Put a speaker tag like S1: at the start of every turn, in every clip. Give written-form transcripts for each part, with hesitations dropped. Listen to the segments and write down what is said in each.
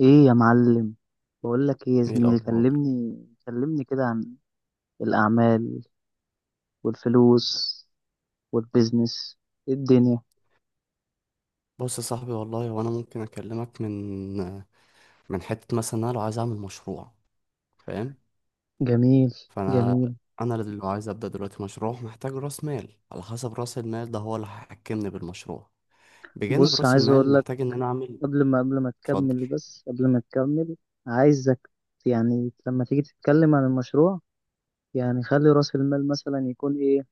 S1: ايه يا معلم. بقول لك ايه يا
S2: ايه
S1: زميلي؟
S2: الاخبار؟
S1: كلمني. كلمني كده عن الاعمال والفلوس والبيزنس. إيه الدنيا؟
S2: بص يا صاحبي، والله وانا ممكن اكلمك من حته. مثلا انا لو عايز اعمل مشروع، فاهم؟
S1: جميل.
S2: فانا
S1: جميل.
S2: انا اللي لو عايز ابدا دلوقتي مشروع محتاج راس مال. على حسب راس المال ده هو اللي هيحكمني بالمشروع. بجانب
S1: بص،
S2: راس
S1: عايز
S2: المال
S1: اقول لك،
S2: محتاج ان انا اعمل. اتفضل.
S1: قبل ما تكمل، عايزك، يعني لما تيجي تتكلم عن المشروع، يعني خلي راس المال مثلا يكون ايه,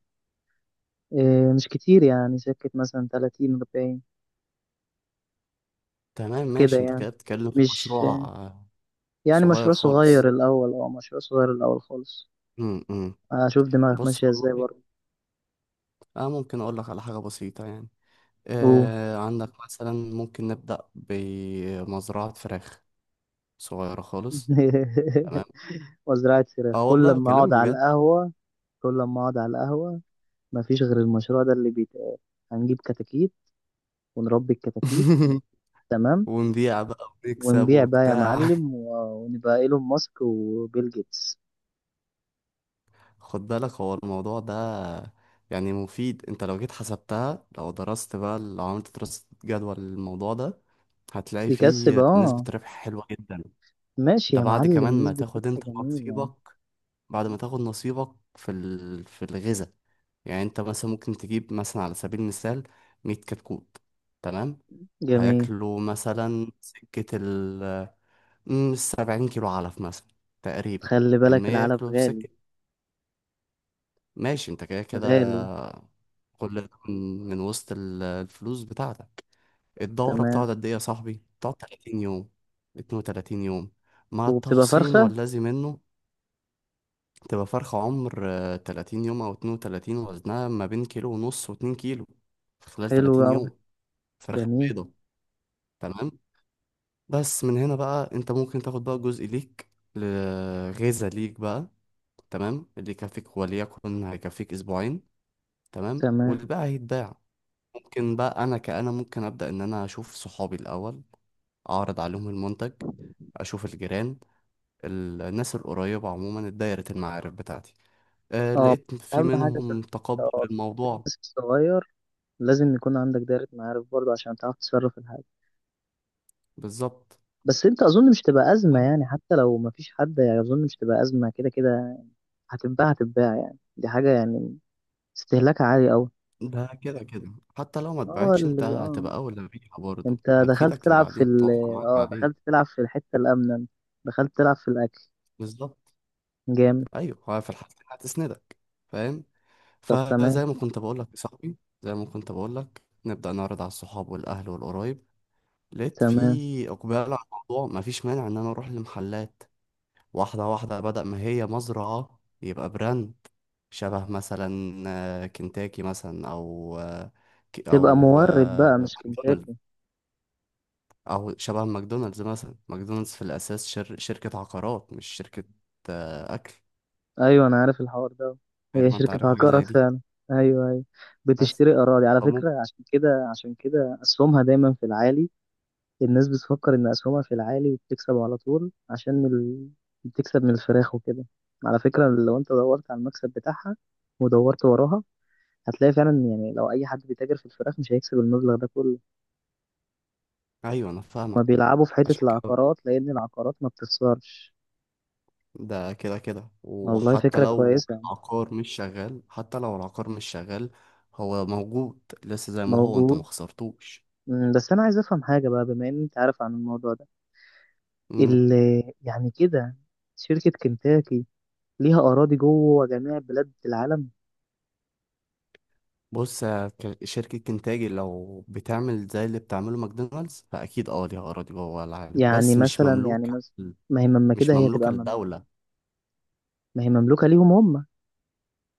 S1: إيه مش كتير، يعني سكة مثلا 30 40.
S2: تمام
S1: كده
S2: ماشي، انت كده
S1: يعني،
S2: بتتكلم في
S1: مش
S2: مشروع
S1: يعني
S2: صغير
S1: مشروع صغير
S2: خالص.
S1: الاول، مشروع صغير الاول خالص.
S2: امم امم.
S1: اشوف دماغك
S2: بص
S1: ماشيه ازاي
S2: والله،
S1: برضه.
S2: انا ممكن اقول لك على حاجه بسيطه. يعني
S1: قول.
S2: عندك مثلا ممكن نبدا بمزرعه فراخ صغيره خالص.
S1: وزراعة فراخ؟
S2: اه
S1: كل
S2: والله
S1: لما اقعد
S2: كلام
S1: على
S2: بجد.
S1: القهوه كل لما اقعد على القهوه، مفيش غير المشروع ده اللي بيتقال. هنجيب كتاكيت ونربي الكتاكيت. تمام.
S2: ونبيع بقى ونكسب
S1: ونبيع بقى يا
S2: وبتاع.
S1: معلم، ونبقى ايلون ماسك وبيل جيتس.
S2: خد بالك هو الموضوع ده يعني مفيد. انت لو جيت حسبتها، لو درست بقى، لو عملت دراسة جدوى للموضوع ده هتلاقي
S1: يكسب.
S2: فيه نسبة
S1: اه،
S2: ربح حلوة جدا.
S1: ماشي
S2: ده
S1: يا
S2: بعد كمان
S1: معلم،
S2: ما
S1: نسبة
S2: تاخد انت
S1: ربح جميلة.
S2: نصيبك، بعد ما تاخد نصيبك في في الغذاء. يعني انت مثلا ممكن تجيب مثلا على سبيل المثال 100 كتكوت، تمام.
S1: جميل.
S2: هياكلوا مثلا سكة 70 كيلو علف مثلا، تقريبا.
S1: خلي بالك
S2: المية
S1: العلف
S2: ياكلوا
S1: غالي.
S2: بسكة، ماشي. انت كده كده
S1: غالي.
S2: كل ده من وسط الفلوس بتاعتك. الدورة
S1: تمام.
S2: بتقعد قد ايه يا صاحبي؟ بتقعد 30 يوم، 32 يوم، مع
S1: وبتبقى
S2: التحصين
S1: فرخة؟
S2: والذي منه. تبقى فرخة عمر 30 يوم أو 32، وزنها ما بين كيلو ونص واتنين كيلو، في خلال
S1: حلو
S2: 30
S1: أوي.
S2: يوم. فرخة
S1: جميل.
S2: بيضة، تمام. بس من هنا بقى انت ممكن تاخد بقى جزء ليك، غذاء ليك بقى، تمام، اللي يكفيك. وليكن هيكفيك اسبوعين، تمام،
S1: تمام.
S2: والباقي هيتباع. ممكن بقى انا كأنا ممكن ابدأ ان انا اشوف صحابي الاول، اعرض عليهم المنتج، اشوف الجيران، الناس القريبة، عموما دايرة المعارف بتاعتي. أه
S1: اه،
S2: لقيت في
S1: اهم حاجه في ال-
S2: منهم تقبل
S1: آه، في
S2: للموضوع.
S1: البيزنس الصغير لازم يكون عندك دايره معارف برضه، عشان تعرف تتصرف في الحاجه.
S2: بالظبط.
S1: بس انت اظن مش تبقى ازمه،
S2: تمام؟
S1: يعني حتى لو مفيش حد، يعني اظن مش تبقى ازمه كده كده. هتتباع، هتتباع، يعني دي حاجه يعني استهلاكها عالي قوي.
S2: ده كده كده حتى لو ما
S1: اه
S2: اتباعتش انت
S1: اللي اه
S2: هتبقى اولى بيها، برضه
S1: انت دخلت
S2: هتفيدك
S1: تلعب في
S2: لبعدين،
S1: ال
S2: توفر معاك
S1: اه
S2: بعدين.
S1: دخلت تلعب في الحته الامنه انت. دخلت تلعب في الاكل.
S2: بالظبط.
S1: جامد.
S2: ايوه، هو في الحالتين هتسندك، فاهم.
S1: طب تمام،
S2: فزي ما كنت بقول لك يا صاحبي، زي ما كنت بقول لك، نبدأ نعرض على الصحاب والأهل والقرايب. لقيت
S1: تمام.
S2: في إقبال على الموضوع، مفيش مانع إن أنا أروح لمحلات واحدة واحدة، بدل ما هي مزرعة يبقى براند شبه مثلا كنتاكي مثلا، أو
S1: تبقى مورد بقى، مش
S2: ماكدونالدز،
S1: كنتاكي.
S2: أو شبه ماكدونالدز مثلا. ماكدونالدز في الأساس شركة عقارات، مش شركة أكل.
S1: ايوه، انا عارف الحوار ده. هي
S2: تقريبا. أنت عارف
S1: شركه
S2: حاجة زي
S1: هكرت
S2: دي.
S1: فعلا. ايوه، ايوه،
S2: بس
S1: بتشتري اراضي على
S2: فمو-
S1: فكره، عشان كده عشان كده اسهمها دايما في العالي. الناس بتفكر ان اسهمها في العالي وبتكسب على طول عشان بتكسب من الفراخ وكده. على فكره، لو انت دورت على المكسب بتاعها ودورت وراها، هتلاقي فعلا، يعني لو اي حد بيتاجر في الفراخ مش هيكسب المبلغ ده كله.
S2: أيوه أنا
S1: ما
S2: فاهمك.
S1: بيلعبوا في حته
S2: عشان كده
S1: العقارات، لان العقارات ما بتخسرش.
S2: ده كده كده،
S1: والله
S2: وحتى
S1: فكره
S2: لو
S1: كويسه يعني.
S2: العقار مش شغال، حتى لو العقار مش شغال هو موجود، لسه زي ما هو، انت ما
S1: موجود.
S2: خسرتوش.
S1: بس انا عايز افهم حاجه بقى، بما ان انت عارف عن الموضوع ده.
S2: امم.
S1: يعني كده، شركة كنتاكي ليها أراضي جوه جميع بلاد العالم؟
S2: بص يا شركة كنتاجي لو بتعمل زي اللي بتعمله ماكدونالدز فأكيد اه ليها أراضي جوه العالم،
S1: يعني
S2: بس مش
S1: مثلا يعني
S2: مملوكة،
S1: مثلا ما هي مما
S2: مش
S1: كده هي تبقى
S2: مملوكة
S1: مم
S2: لدولة.
S1: ما هي مملوكة ليهم هم.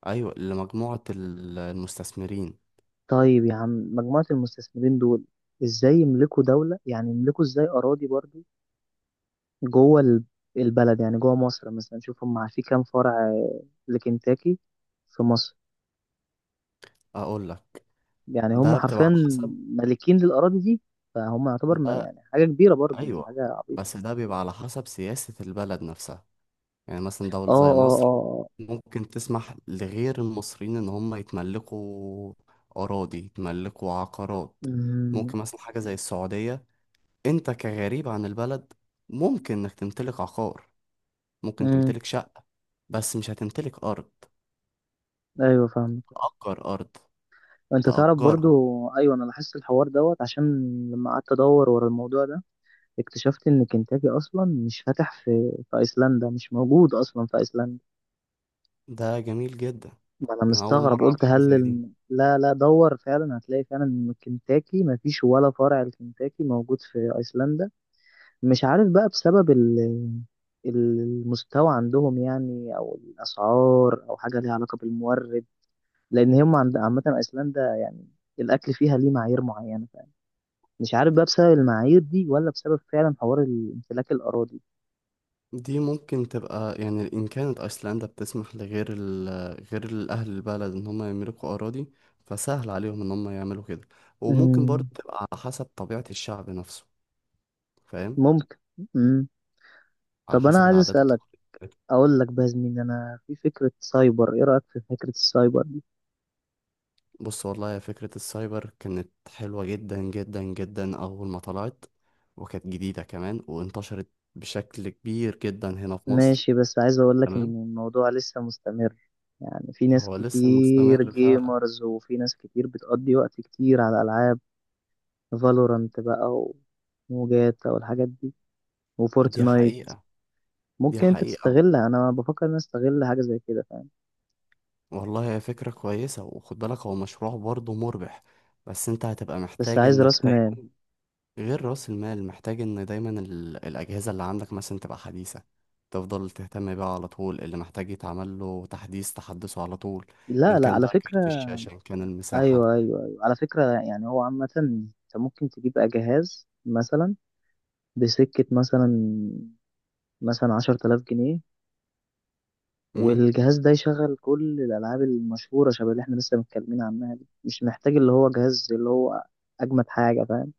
S2: أيوة، لمجموعة المستثمرين.
S1: طيب يا عم، مجموعة المستثمرين دول ازاي يملكوا دولة، يعني يملكوا ازاي أراضي برضو جوه البلد؟ يعني جوه مصر مثلا، شوف هم في كام فرع لكنتاكي في مصر.
S2: أقول لك،
S1: يعني هم
S2: ده بتبقى
S1: حرفيا
S2: على حسب.
S1: مالكين للأراضي دي، فهم يعتبر ما
S2: ده
S1: يعني حاجة كبيرة برضو، مش
S2: أيوة،
S1: حاجة عبيطة.
S2: بس ده بيبقى على حسب سياسة البلد نفسها. يعني مثلا
S1: اه،
S2: دولة زي
S1: اه، اه،
S2: مصر
S1: آه.
S2: ممكن تسمح لغير المصريين إن هم يتملكوا أراضي، يتملكوا عقارات. ممكن
S1: امم،
S2: مثلا حاجة زي السعودية، أنت كغريب عن البلد ممكن إنك تمتلك عقار، ممكن
S1: امم.
S2: تمتلك شقة، بس مش هتمتلك أرض،
S1: ايوه، فاهم.
S2: تأجر أرض،
S1: انت تعرف برضو.
S2: تأجرها.
S1: ايوه، انا لاحظت الحوار دوت، عشان لما قعدت ادور ورا الموضوع ده اكتشفت ان كنتاكي اصلا مش فاتح في ايسلندا، مش موجود اصلا في ايسلندا.
S2: ده جميل جدا.
S1: ما انا
S2: أنا أول
S1: مستغرب،
S2: مرة أعرف
S1: قلت
S2: حاجة
S1: هل
S2: زي دي.
S1: لا، لا، دور فعلا، هتلاقي فعلا ان كنتاكي ما فيش ولا فرع لكنتاكي موجود في ايسلندا. مش عارف بقى بسبب المستوى عندهم يعني، او الاسعار، او حاجه ليها علاقه بالمورد، لان هم عند عامه ايسلندا يعني الاكل فيها ليه معايير معينه. مش عارف بقى بسبب المعايير دي ولا بسبب فعلا حوار امتلاك الاراضي.
S2: دي ممكن تبقى يعني إن كانت أيسلندا بتسمح لغير ال، غير الأهل البلد إن هم يملكوا أراضي، فسهل عليهم إن هم يعملوا كده. وممكن برضه
S1: مم.
S2: تبقى على حسب طبيعة الشعب نفسه، فاهم،
S1: ممكن. مم.
S2: على
S1: طب انا
S2: حسب
S1: عايز
S2: العادات
S1: اسالك،
S2: والتقاليد بتاعته.
S1: اقول لك بقى يا زميلي، انا في فكره سايبر، ايه رايك في فكره السايبر دي؟
S2: بص والله، يا فكرة السايبر كانت حلوة جدا جدا جدا أول ما طلعت، وكانت جديدة كمان، وانتشرت بشكل كبير جدا هنا في مصر.
S1: ماشي، بس عايز اقول لك
S2: تمام.
S1: ان الموضوع لسه مستمر. يعني في ناس
S2: هو لسه
S1: كتير
S2: مستمر فعلا.
S1: جيمرز، وفي ناس كتير بتقضي وقت كتير على العاب. فالورانت بقى وجاتا والحاجات دي،
S2: دي
S1: وفورتنايت.
S2: حقيقة. دي
S1: ممكن انت
S2: حقيقة.
S1: تستغلها، انا بفكر ان أنا استغل حاجه زي كده، فاهم؟
S2: والله هي فكرة كويسة، وخد بالك هو مشروع برضه مربح، بس انت هتبقى
S1: بس
S2: محتاج
S1: عايز
S2: انك
S1: راس مال.
S2: دايما، غير رأس المال محتاج ان دايما الأجهزة اللي عندك مثلا تبقى حديثة، تفضل تهتم بيها على طول، اللي محتاج يتعمل له تحديث تحدثه على طول، ان
S1: لا، لا،
S2: كان
S1: على
S2: بقى
S1: فكره.
S2: كارت الشاشة، ان كان المساحة.
S1: ايوه، ايوه، ايوه، على فكره. يعني هو عامه انت ممكن تجيب بقى جهاز مثلا، بسكه مثلا 10000 جنيه،
S2: امم.
S1: والجهاز ده يشغل كل الالعاب المشهوره شبه اللي احنا لسه متكلمين عنها دي، مش محتاج اللي هو جهاز اللي هو اجمد حاجه، فاهم.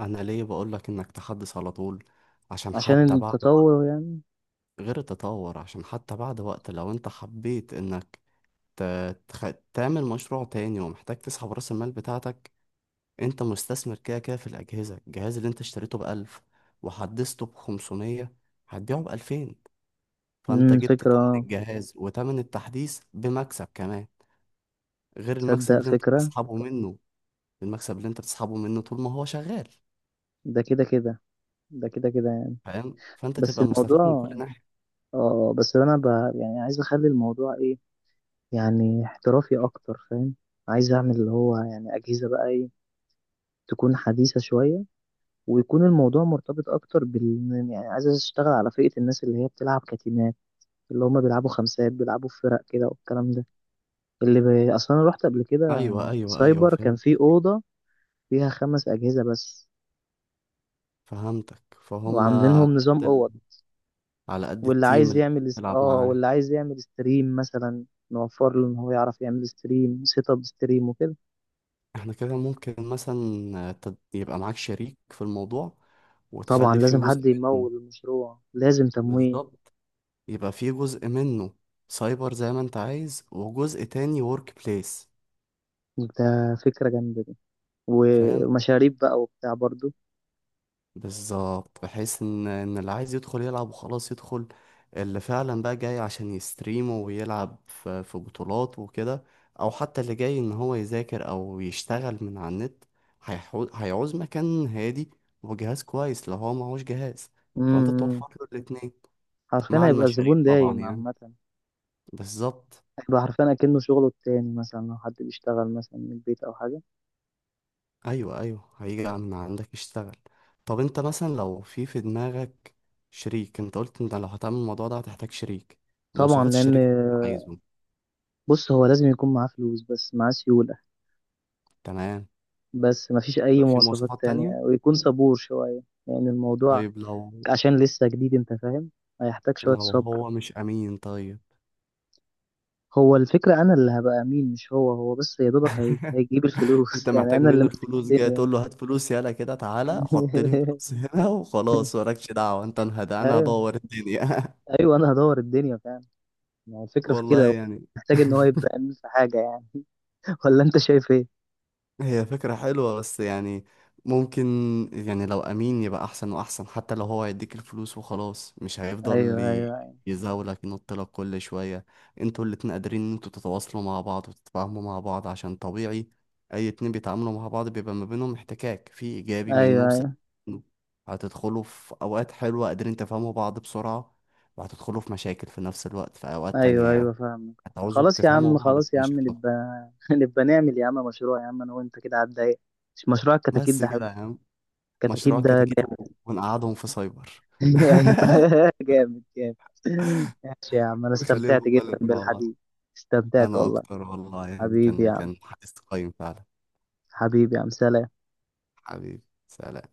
S2: انا ليه بقول لك انك تحدث على طول، عشان
S1: عشان
S2: حتى بعد وقت،
S1: التطور يعني.
S2: غير التطور، عشان حتى بعد وقت لو انت حبيت انك تعمل مشروع تاني ومحتاج تسحب رأس المال بتاعتك، انت مستثمر كده كده في الأجهزة. الجهاز اللي انت اشتريته بألف وحدثته بخمسمية هتبيعه بألفين، فانت جبت تمن
S1: فكره.
S2: الجهاز وتمن التحديث بمكسب كمان، غير المكسب
S1: تصدق
S2: اللي انت
S1: فكره.
S2: بتسحبه منه، المكسب اللي انت بتسحبه منه طول ما هو شغال،
S1: ده كده كده ده كده كده يعني.
S2: فاهم، فانت
S1: بس
S2: تبقى
S1: الموضوع
S2: مستفاد من كل ناحية.
S1: اه بس انا ب... يعني عايز اخلي الموضوع ايه، يعني احترافي اكتر، فاهم. عايز اعمل اللي هو يعني اجهزه بقى، ايه، تكون حديثه شويه. ويكون الموضوع مرتبط اكتر يعني عايز اشتغل على فئه الناس اللي هي بتلعب كتيمات، اللي هم بيلعبوا خمسات، بيلعبوا في فرق كده والكلام ده. اصلا انا رحت قبل كده
S2: ايوه ايوه ايوه
S1: سايبر كان
S2: فهمت.
S1: في اوضه فيها خمس اجهزه بس،
S2: فهمتك فهم
S1: وعاملينهم نظام اوض.
S2: على قد التيم اللي بتلعب معاه.
S1: واللي عايز يعمل ستريم مثلا، نوفر له ان هو يعرف يعمل ستريم، سيت اب ستريم وكده.
S2: احنا كده ممكن مثلا يبقى معاك شريك في الموضوع
S1: طبعا
S2: وتخلي فيه
S1: لازم
S2: جزء
S1: حد
S2: منه.
S1: يمول المشروع، لازم تمويل.
S2: بالظبط، يبقى في جزء منه سايبر زي ما انت عايز، وجزء تاني ورك بليس.
S1: ده فكرة جامدة دي.
S2: فاهم.
S1: ومشاريب بقى وبتاع برضو.
S2: بالظبط، بحيث ان اللي عايز يدخل يلعب وخلاص يدخل، اللي فعلا بقى جاي عشان يستريم ويلعب في بطولات وكده، او حتى اللي جاي ان هو يذاكر او يشتغل من على النت، هيعوز مكان هادي وجهاز كويس لو هو معهوش جهاز، فانت
S1: امم
S2: توفر له الاتنين
S1: حرفيا
S2: مع
S1: هيبقى
S2: المشاريع
S1: الزبون
S2: طبعا،
S1: دايم
S2: يعني.
S1: عامة.
S2: بالظبط.
S1: هيبقى حرفيا أكنه شغله التاني، مثلا لو حد بيشتغل مثلا من البيت أو حاجة.
S2: ايوه ايوه، هيجي من عندك يشتغل. طب انت مثلا لو في دماغك شريك، انت قلت انت لو هتعمل الموضوع ده هتحتاج شريك،
S1: طبعا
S2: مواصفات الشريك اللي انت عايزه.
S1: بص، هو لازم يكون معاه فلوس، بس معاه سيولة.
S2: تمام.
S1: بس مفيش أي
S2: يبقى في
S1: مواصفات
S2: مواصفات
S1: تانية،
S2: تانية.
S1: ويكون صبور شوية. يعني الموضوع
S2: طيب لو،
S1: عشان لسه جديد، انت فاهم، هيحتاج شوية
S2: لو
S1: صبر.
S2: هو مش امين طيب.
S1: هو الفكرة انا اللي هبقى امين، مش هو. هو بس يا دوبك هيجيب
S2: انت
S1: الفلوس. يعني
S2: محتاج
S1: انا اللي
S2: منه
S1: ماسك
S2: الفلوس، جاي
S1: الدنيا.
S2: تقول له هات فلوس، يلا كده تعالى حط لي فلوس هنا وخلاص، مالكش دعوة انت، انهدى انا
S1: ايوه،
S2: هدور الدنيا.
S1: ايوه، انا هدور الدنيا فعلا. يعني الفكرة في
S2: والله
S1: كده، هو
S2: يعني.
S1: محتاج ان هو يبقى امين في حاجة يعني. ولا انت شايف ايه؟
S2: هي فكرة حلوة بس يعني ممكن، يعني لو أمين يبقى أحسن وأحسن، حتى لو هو هيديك الفلوس وخلاص مش هيفضل
S1: ايوه، ايوه،
S2: يزاولك ينطلك كل شوية. انتوا الاتنين قادرين ان انتوا تتواصلوا مع بعض وتتفاهموا مع بعض، عشان طبيعي أي اتنين بيتعاملوا مع بعض بيبقى ما بينهم احتكاك، في إيجابي منه
S1: ايوه،
S2: وسلبي
S1: ايوه،
S2: منه. هتدخلوا في أوقات حلوة قادرين تفهموا بعض بسرعة، وهتدخلوا في مشاكل في نفس الوقت في أوقات تانية،
S1: ايوه،
S2: يعني
S1: ايوه، فاهمك.
S2: هتعوزوا
S1: خلاص يا عم،
S2: تفهموا بعض في
S1: خلاص يا عم،
S2: مشاكل.
S1: نبقى. نبقى نعمل يا عم مشروع يا عم، انا وانت كده على الضيق. مش مشروع الكتاكيت
S2: بس
S1: ده
S2: كده
S1: حلو؟
S2: يا عم.
S1: الكتاكيت
S2: مشروع
S1: ده
S2: كتاكيت،
S1: جامد.
S2: ونقعدهم في سايبر،
S1: ايوه. جامد، جامد. ماشي يا عم، انا
S2: نخليهم
S1: استمتعت
S2: هما
S1: جدا
S2: الاتنين مع بعض.
S1: بالحديث. استمتعت
S2: انا
S1: والله.
S2: اكتر والله، يعني
S1: حبيبي يا
S2: كان
S1: عم.
S2: كان حديث قيم فعلا.
S1: حبيبي يا عم، سلام.
S2: حبيبي، سلام.